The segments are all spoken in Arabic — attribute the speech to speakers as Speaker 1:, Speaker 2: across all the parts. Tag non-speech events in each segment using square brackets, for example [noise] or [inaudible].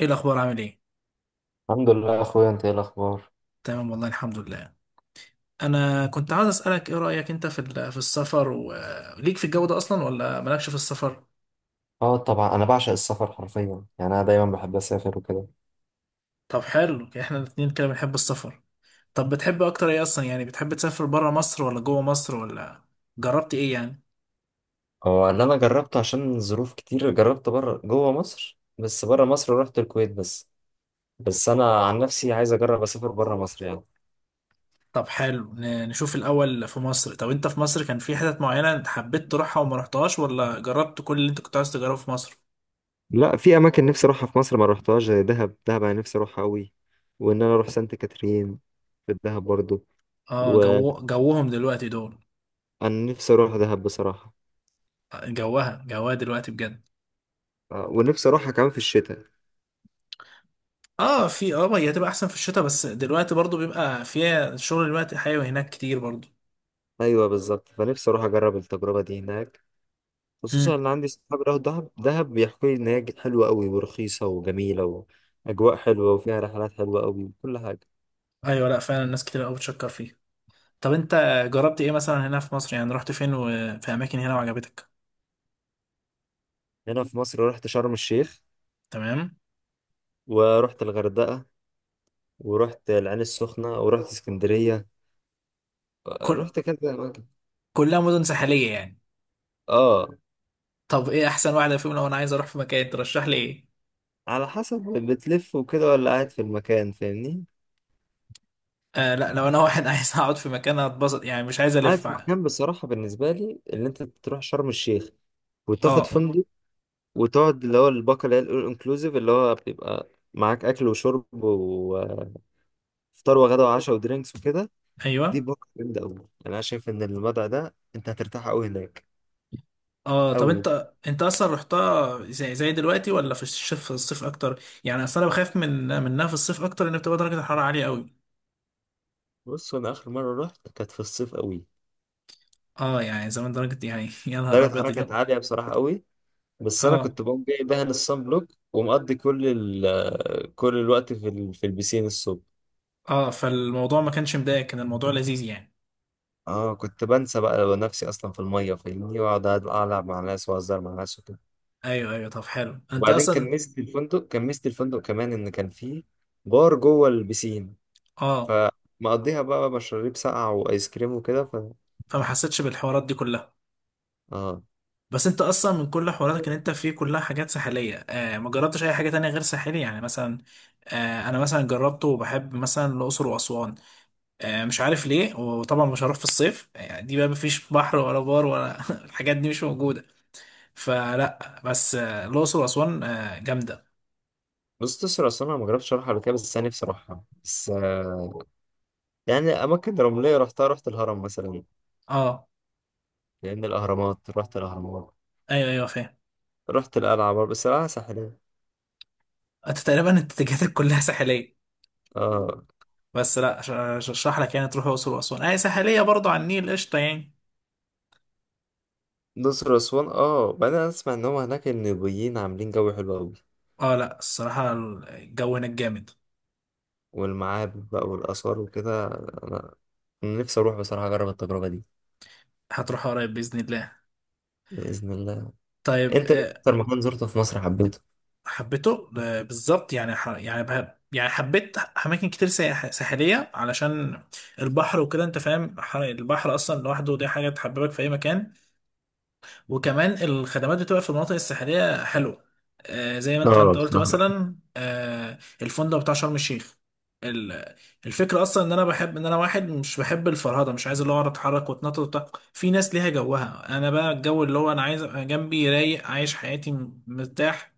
Speaker 1: ايه الاخبار عامل ايه؟
Speaker 2: الحمد لله يا اخويا، انت ايه الاخبار؟
Speaker 1: تمام والله الحمد لله. انا كنت عاوز اسالك ايه رايك انت في في السفر، وليك في الجو ده اصلا ولا مالكش في السفر؟
Speaker 2: اه طبعا انا بعشق السفر حرفيا، يعني انا دايما بحب اسافر وكده.
Speaker 1: طب حلو، يعني احنا الاتنين كده بنحب السفر. طب بتحب اكتر ايه اصلا؟ يعني بتحب تسافر برا مصر ولا جوه مصر ولا جربت ايه يعني؟
Speaker 2: هو اللي انا جربته عشان ظروف كتير جربت بره جوه مصر، بس بره مصر رحت الكويت بس. بس انا عن نفسي عايز اجرب اسافر بره مصر يعني.
Speaker 1: طب حلو، نشوف الاول في مصر. طب انت في مصر كان في حتت معينه انت حبيت تروحها وما رحتهاش، ولا جربت كل اللي انت كنت عاوز تجربه في مصر؟
Speaker 2: لا، في اماكن نفسي اروحها في مصر ما روحتهاش، زي دهب. انا نفسي اروحها قوي، وان انا اروح سانت كاترين في الدهب برضو.
Speaker 1: اه، جو
Speaker 2: وانا
Speaker 1: جوهم دلوقتي دول.
Speaker 2: نفسي اروح دهب بصراحه.
Speaker 1: جوها دلوقتي بجد.
Speaker 2: ونفسي اروحها كمان في الشتاء.
Speaker 1: اه، في، اه، ما هي هتبقى احسن في الشتاء، بس دلوقتي برضو بيبقى فيها شغل دلوقتي حيوي هناك كتير برضو.
Speaker 2: ايوه بالظبط، فنفسي اروح اجرب التجربه دي هناك.
Speaker 1: مم.
Speaker 2: خصوصا ان عندي صحاب راحوا دهب. بيحكوا لي ان هي حلوه قوي ورخيصه وجميله، واجواء حلوه وفيها رحلات حلوه قوي وكل حاجه.
Speaker 1: ايوه، لا فعلا الناس كتير قوي بتشكر فيه. طب انت جربت ايه مثلا هنا في مصر؟ يعني رحت فين وفي اماكن هنا وعجبتك؟
Speaker 2: هنا في مصر رحت شرم الشيخ،
Speaker 1: تمام.
Speaker 2: ورحت الغردقه، ورحت العين السخنه، ورحت اسكندريه.
Speaker 1: كل
Speaker 2: رحت كذا اماكن.
Speaker 1: كلها مدن ساحليه يعني.
Speaker 2: اه.
Speaker 1: طب ايه احسن واحده فيهم لو انا عايز اروح في مكان، ترشح لي ايه؟
Speaker 2: على حسب، بتلف وكده ولا قاعد في المكان؟ فاهمني.
Speaker 1: آه لا، لو انا واحد [laughs] عايز اقعد في مكان اتبسط يعني، مش عايز
Speaker 2: قاعد
Speaker 1: الف.
Speaker 2: في مكان، بصراحه بالنسبه لي اللي انت تروح شرم الشيخ وتاخد
Speaker 1: اه.
Speaker 2: فندق وتقعد اللي هو الباقه اللي هي الانكلوزيف، اللي هو بيبقى معاك اكل وشرب فطار وغدا وعشاء ودرينكس وكده. دي
Speaker 1: ايوه.
Speaker 2: بوك جامدة أوي يعني. أنا شايف إن المدعى ده أنت هترتاح أوي هناك.
Speaker 1: اه، طب
Speaker 2: أوي.
Speaker 1: انت اصلا رحتها زي دلوقتي ولا في الشتاء في الصيف اكتر؟ يعني اصل انا بخاف منها في الصيف اكتر، ان بتبقى درجه الحراره عاليه قوي.
Speaker 2: بص، أنا آخر مرة رحت كانت في الصيف أوي.
Speaker 1: اه، يعني زمان درجه، يعني [laughs] يا نهار
Speaker 2: درجة
Speaker 1: ابيض
Speaker 2: حرارة كانت
Speaker 1: اليوم.
Speaker 2: عالية بصراحة أوي. بس أنا
Speaker 1: اه
Speaker 2: كنت بقوم جاي دهن الصن بلوك، ومقضي كل ال آه، كل الوقت في البسين الصبح.
Speaker 1: اه فالموضوع ما كانش مضايق، كان الموضوع لذيذ يعني.
Speaker 2: اه، كنت بنسى بقى نفسي اصلا في الميه، فاهمني، واقعد العب مع ناس واهزر مع ناس وكده.
Speaker 1: ايوه، طب حلو انت
Speaker 2: وبعدين
Speaker 1: اصلا.
Speaker 2: كان ميزه الفندق كمان ان كان فيه بار جوه البسين،
Speaker 1: اه،
Speaker 2: فمقضيها بقى مشاريب ساقعة وآيس كريم وكده ف.
Speaker 1: فما حسيتش بالحوارات دي كلها.
Speaker 2: اه.
Speaker 1: بس انت اصلا من كل حواراتك ان انت فيه كلها حاجات ساحليه، آه، ما جربتش اي حاجه تانية غير ساحليه يعني؟ مثلا آه، انا مثلا جربته وبحب مثلا الاقصر واسوان، آه، مش عارف ليه. وطبعا مش هروح في الصيف يعني، دي بقى مفيش بحر ولا بار ولا [laughs] الحاجات دي مش موجودة. فلا، بس آه، الأقصر وأسوان آه، جامدة.
Speaker 2: بص تسرع، أصلا أنا ما جربتش أروحها قبل كده، بس أنا نفسي أروحها بس يعني أماكن رملية رحتها. رحت الهرم مثلا،
Speaker 1: اه.
Speaker 2: لأن الأهرامات. رحت الأهرامات.
Speaker 1: ايوه فاهم.
Speaker 2: رحت القلعة برضه، بس القلعة ساحلية.
Speaker 1: انت تقريبا اتجاهاتك كلها ساحلية،
Speaker 2: اه.
Speaker 1: بس لا اشرح لك يعني، تروح الأقصر وأسوان اي ساحلية برضه على النيل، قشطة يعني.
Speaker 2: الأقصر وأسوان، اه. بعدين أنا أسمع إن هما هناك النوبيين عاملين جو حلو أوي،
Speaker 1: اه لا، الصراحة الجو هناك جامد.
Speaker 2: والمعابد بقى والآثار وكده. أنا نفسي أروح بصراحة أجرب التجربة دي.
Speaker 1: هتروح قريب بإذن الله.
Speaker 2: بإذن الله.
Speaker 1: طيب
Speaker 2: أنت إيه
Speaker 1: آه،
Speaker 2: أكتر مكان زرته في مصر حبيته؟
Speaker 1: حبيته ده بالظبط يعني يعني يعني حبيت اماكن كتير ساحليه علشان البحر وكده، انت فاهم، البحر اصلا لوحده دي حاجه تحببك في اي مكان. وكمان الخدمات بتبقى في المناطق الساحليه حلوه. آه، زي ما انت
Speaker 2: اه.
Speaker 1: قلت مثلا آه، الفندق بتاع شرم الشيخ. ال- الفكره اصلا ان انا بحب ان انا واحد مش بحب الفرهده، مش عايز اللي هو اقعد اتحرك واتنطط وبتاع. في ناس ليها جوها، انا بقى الجو اللي هو انا عايز ابقى جنبي رايق، عايش حياتي، مرتاح.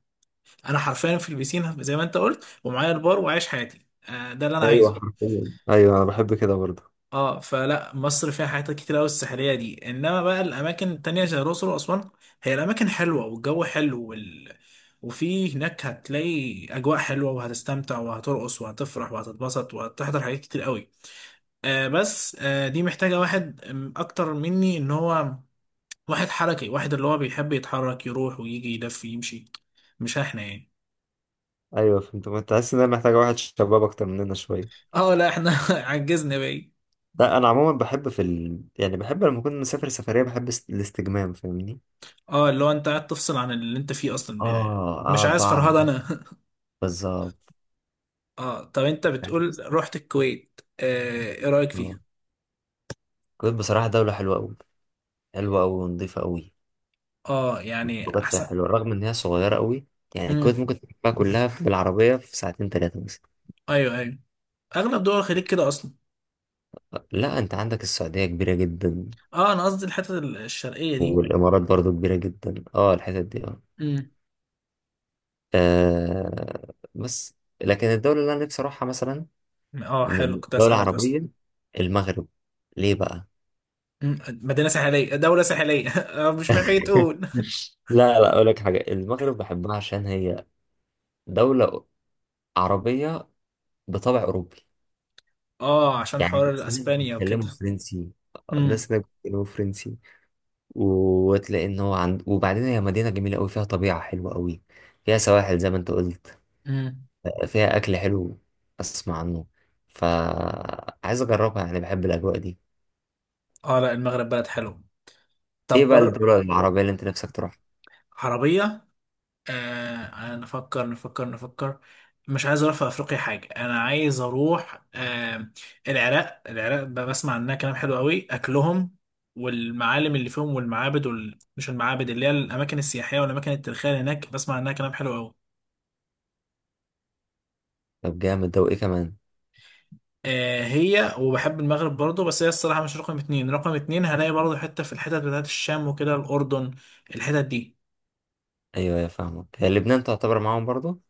Speaker 1: انا حرفيا في البيسين زي ما انت قلت، ومعايا البار وعايش حياتي، آه، ده اللي انا
Speaker 2: ايوه
Speaker 1: عايزه.
Speaker 2: حرفيا، ايوه انا بحب كده برضه.
Speaker 1: اه، فلا مصر فيها حاجات كتير قوي الساحليه دي، انما بقى الاماكن التانية زي الاقصر واسوان، هي الاماكن حلوه والجو حلو وفي هناك هتلاقي اجواء حلوه وهتستمتع وهترقص وهتفرح وهتتبسط وهتحضر حاجات كتير قوي. آه، بس آه، دي محتاجه واحد آم، اكتر مني، ان هو واحد حركي، واحد اللي هو بيحب يتحرك يروح ويجي يلف يمشي. مش احنا يعني.
Speaker 2: ايوه فهمت. ما تحس ان انا محتاجه واحد شباب اكتر مننا شويه؟
Speaker 1: اه لا، احنا [laughs] عجزنا بقى.
Speaker 2: لا انا عموما بحب يعني بحب لما اكون مسافر سفريه بحب الاستجمام، فاهمني.
Speaker 1: اه، اللي هو انت قاعد تفصل عن اللي انت فيه اصلا يعني، مش
Speaker 2: اه اه،
Speaker 1: عايز
Speaker 2: بعمل
Speaker 1: فرهدة انا.
Speaker 2: بالظبط.
Speaker 1: [laughs] اه، طب انت بتقول رحت الكويت، آه، ايه رأيك
Speaker 2: آه.
Speaker 1: فيها؟
Speaker 2: الكويت بصراحة دولة حلوة أوي. حلوة أوي ونضيفة أوي.
Speaker 1: اه، يعني
Speaker 2: الخروجات فيها
Speaker 1: احسن.
Speaker 2: حلوة رغم إن هي صغيرة أوي. يعني الكويت
Speaker 1: امم،
Speaker 2: ممكن تلفها كلها بالعربية في ساعتين 3 مثلا.
Speaker 1: ايوه، اغلب دول الخليج كده اصلا.
Speaker 2: لا، أنت عندك السعودية كبيرة جدا،
Speaker 1: اه انا قصدي الحتة الشرقية دي.
Speaker 2: والإمارات برضو كبيرة جدا. اه، الحتت دي، اه.
Speaker 1: امم.
Speaker 2: آه بس، لكن الدولة اللي أنا نفسي أروحها مثلا،
Speaker 1: اه حلو،
Speaker 2: من
Speaker 1: كنت
Speaker 2: دولة
Speaker 1: اسألك اصلا.
Speaker 2: عربية، المغرب. ليه بقى؟
Speaker 1: مم. مدينة ساحلية دولة ساحلية [laughs] آه، مش محتاج
Speaker 2: [laughs]
Speaker 1: تقول.
Speaker 2: لا لا، أقول لك حاجة، المغرب بحبها عشان هي دولة عربية بطبع أوروبي.
Speaker 1: اه، عشان
Speaker 2: يعني
Speaker 1: حوار
Speaker 2: الناس هناك
Speaker 1: اسبانيا وكده.
Speaker 2: بيتكلموا فرنسي.
Speaker 1: امم.
Speaker 2: الناس هناك بيتكلموا فرنسي وتلاقي إن هو عند. وبعدين هي مدينة جميلة أوي، فيها طبيعة حلوة أوي، فيها سواحل زي ما أنت قلت،
Speaker 1: امم.
Speaker 2: فيها أكل حلو أسمع عنه، فعايز أجربها، يعني بحب الأجواء دي.
Speaker 1: اه لا، المغرب بلد حلو.
Speaker 2: ايه
Speaker 1: طب
Speaker 2: بقى
Speaker 1: بر.
Speaker 2: الدولة العربية اللي انت نفسك تروح؟
Speaker 1: عربية؟ آه، نفكر نفكر نفكر. مش عايز اروح في افريقيا حاجه، انا عايز اروح آه، العراق. العراق بسمع عنها كلام حلو قوي، اكلهم والمعالم اللي فيهم والمعابد مش المعابد، اللي هي الاماكن السياحيه والاماكن التاريخيه اللي هناك بسمع عنها كلام حلو قوي.
Speaker 2: طب جامد ده، وايه كمان؟
Speaker 1: آه هي، وبحب المغرب برضو، بس هي الصراحه مش رقم اتنين. رقم اتنين هلاقي برضو حته في الحتت بتاعت الشام وكده، الاردن، الحتت دي.
Speaker 2: ايوه يا فاهمك، هي لبنان تعتبر معاهم برضو.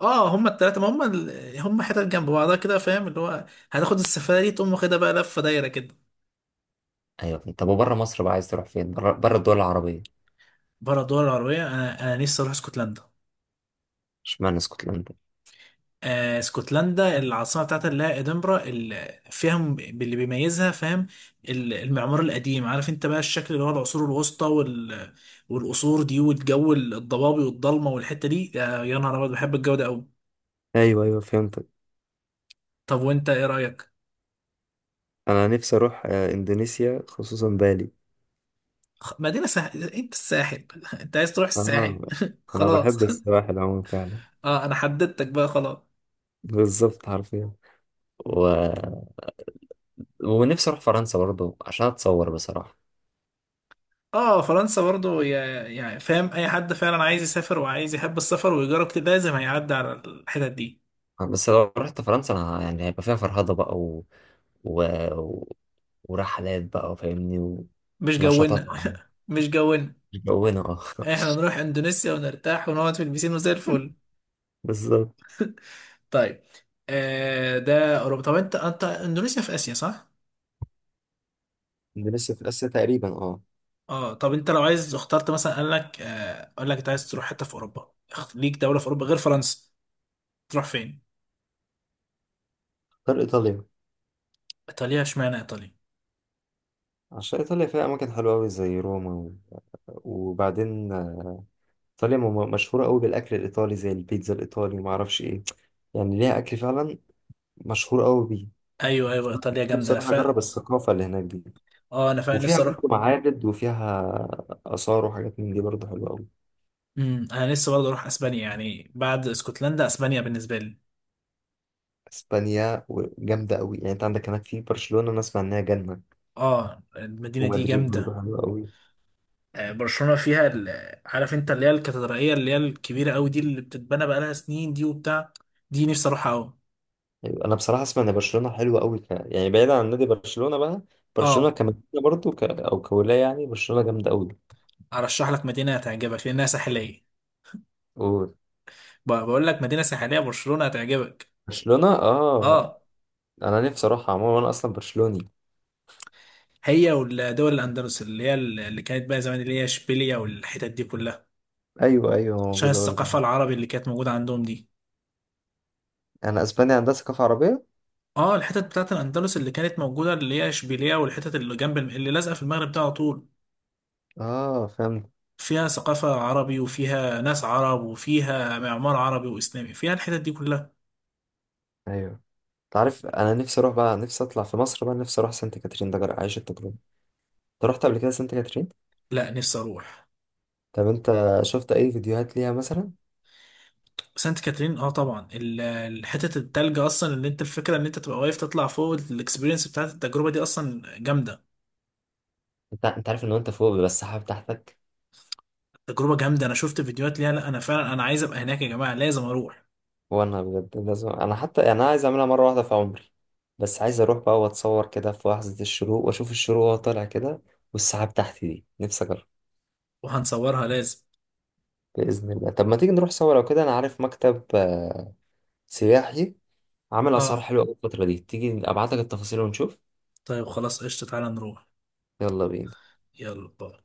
Speaker 1: اه هما التلاته، ما هما هما حتت جنب بعضها كده، فاهم اللي هو هتاخد السفاره دي تقوم واخدها بقى لفه دايره كده.
Speaker 2: ايوه. طب وبره مصر بقى عايز تروح فين؟ بره الدول العربية.
Speaker 1: بره الدول العربية، أنا نفسي أروح اسكتلندا.
Speaker 2: اشمعنى اسكتلندا؟
Speaker 1: آه، اسكتلندا العاصمة بتاعتها اللي هي إدنبرا اللي فيها اللي بيميزها فاهم المعمار القديم، عارف أنت بقى الشكل اللي هو العصور الوسطى والقصور دي والجو الضبابي والضلمة والحتة دي، آه يا نهار أبيض، بحب الجو ده أوي.
Speaker 2: ايوه ايوه فهمتك.
Speaker 1: طب وأنت إيه رأيك؟
Speaker 2: انا نفسي اروح اندونيسيا، خصوصا بالي.
Speaker 1: مدينة ساحل؟ أنت الساحل [laughs] أنت عايز تروح الساحل؟
Speaker 2: اه،
Speaker 1: [laughs]
Speaker 2: انا
Speaker 1: خلاص.
Speaker 2: بحب السواحل عموما فعلا.
Speaker 1: [laughs] أه، أنا حددتك بقى خلاص.
Speaker 2: بالظبط حرفيا. و... ونفسي اروح فرنسا برضو عشان اتصور بصراحة.
Speaker 1: اه فرنسا برضو، يعني فاهم، اي حد فعلا عايز يسافر وعايز يحب السفر ويجرب كده لازم هيعدي على الحتت دي.
Speaker 2: بس لو رحت فرنسا انا، يعني هيبقى فيها فرهضة بقى و... و... ورحلات بقى، فاهمني.
Speaker 1: مش
Speaker 2: ونشاطات
Speaker 1: جونا.
Speaker 2: عامة.
Speaker 1: [laughs] مش جونا،
Speaker 2: مش جونا، اه.
Speaker 1: احنا نروح اندونيسيا ونرتاح ونقعد في البيسين وزي
Speaker 2: [laughs]
Speaker 1: الفل.
Speaker 2: بالظبط.
Speaker 1: طيب آه ده اوروبا. طب انت اندونيسيا في اسيا صح؟
Speaker 2: دي لسه في آسيا تقريبا، اه.
Speaker 1: اه، طب انت لو عايز اخترت مثلا، قال لك آه قال لك انت عايز تروح حته في اوروبا، ليك دوله في اوروبا غير فرنسا، تروح فين؟
Speaker 2: غير إيطاليا.
Speaker 1: ايطاليا، اشمعنى ايطاليا؟
Speaker 2: عشان إيطاليا فيها أماكن حلوة أوي زي روما وبعدين إيطاليا مشهورة أوي بالأكل الإيطالي زي البيتزا الإيطالي، ومعرفش إيه. يعني ليها أكل فعلا مشهور أوي بيه.
Speaker 1: ايوه
Speaker 2: فأنا
Speaker 1: ايطاليا جامده،
Speaker 2: نفسي
Speaker 1: انا
Speaker 2: أروح أجرب
Speaker 1: فا.
Speaker 2: الثقافة اللي هناك دي.
Speaker 1: اه انا فعلا
Speaker 2: وفيها
Speaker 1: نفسي اروح.
Speaker 2: برضه معابد وفيها آثار وحاجات من دي برضه حلوة أوي.
Speaker 1: امم، انا لسه برضه اروح اسبانيا، يعني بعد اسكتلندا اسبانيا بالنسبه لي.
Speaker 2: إسبانيا جامدة أوي يعني، أنت عندك هناك في برشلونة، أنا أسمع إنها جنة.
Speaker 1: اه المدينه دي
Speaker 2: ومدريد
Speaker 1: جامده.
Speaker 2: برضه حلوة أوي.
Speaker 1: آه، برشلونه فيها عارف انت اللي هي الكاتدرائيه اللي هي الكبيره قوي دي اللي بتتبنى بقالها سنين دي وبتاع، دي نفسي اروحها قوي.
Speaker 2: أيوة، أنا بصراحة أسمع إن برشلونة حلوة أوي ك... يعني بعيدا عن نادي برشلونة بقى. برشلونة
Speaker 1: اه
Speaker 2: كمدينة برضه ك... أو كولاية، يعني برشلونة جامدة أوي.
Speaker 1: ارشح لك مدينه هتعجبك لانها ساحليه، بقول لك مدينه ساحليه برشلونه هتعجبك.
Speaker 2: وبرشلونة آه،
Speaker 1: اه
Speaker 2: أنا نفسي أروحها. عموما أنا أصلا برشلوني.
Speaker 1: هي والدول الاندلس اللي هي اللي كانت بقى زمان اللي هي اشبيليه والحتت دي كلها،
Speaker 2: أيوه أيوه
Speaker 1: عشان
Speaker 2: موجودة برضه.
Speaker 1: الثقافه العربي اللي كانت موجوده عندهم دي.
Speaker 2: أنا إسبانيا عندها ثقافة عربية.
Speaker 1: اه الحتت بتاعت الاندلس اللي كانت موجوده اللي هي اشبيليه والحتت اللي جنب اللي لازقه في المغرب ده على طول،
Speaker 2: آه فهمت.
Speaker 1: فيها ثقافه عربي وفيها ناس عرب وفيها معمار عربي واسلامي، فيها الحتت دي كلها.
Speaker 2: أيوه. تعرف انا نفسي اروح بقى، نفسي اطلع في مصر بقى، نفسي اروح سانت كاترين ده، اعيش التجربه. انت رحت قبل كده سانت كاترين؟
Speaker 1: لا نفسي اروح
Speaker 2: طب انت شفت اي فيديوهات ليها مثلا؟
Speaker 1: سانت كاترين. اه طبعا الحتت التلج اصلا، اللي انت الفكره ان انت تبقى واقف تطلع فوق، الاكسبيرينس بتاعت التجربه دي اصلا جامده.
Speaker 2: انت عارف ان انت فوق بيبقى السحاب تحتك.
Speaker 1: تجربه جامده، انا شفت فيديوهات ليها، لا انا فعلا انا عايز ابقى هناك يا جماعه، لازم اروح.
Speaker 2: وانا بجد لازم، انا حتى يعني انا عايز اعملها مره واحده في عمري. بس عايز اروح بقى واتصور كده في لحظه الشروق، واشوف الشروق وهو طالع كده والسحاب تحتي، دي نفسي اجرب.
Speaker 1: وهنصورها لازم.
Speaker 2: باذن الله. طب ما تيجي نروح سوا؟ لو كده انا عارف مكتب سياحي عامل
Speaker 1: اه
Speaker 2: اسعار حلوه أوي الفتره دي، تيجي ابعت لك التفاصيل ونشوف.
Speaker 1: طيب خلاص قشطه، تعالى نروح.
Speaker 2: يلا بينا.
Speaker 1: يلا باي.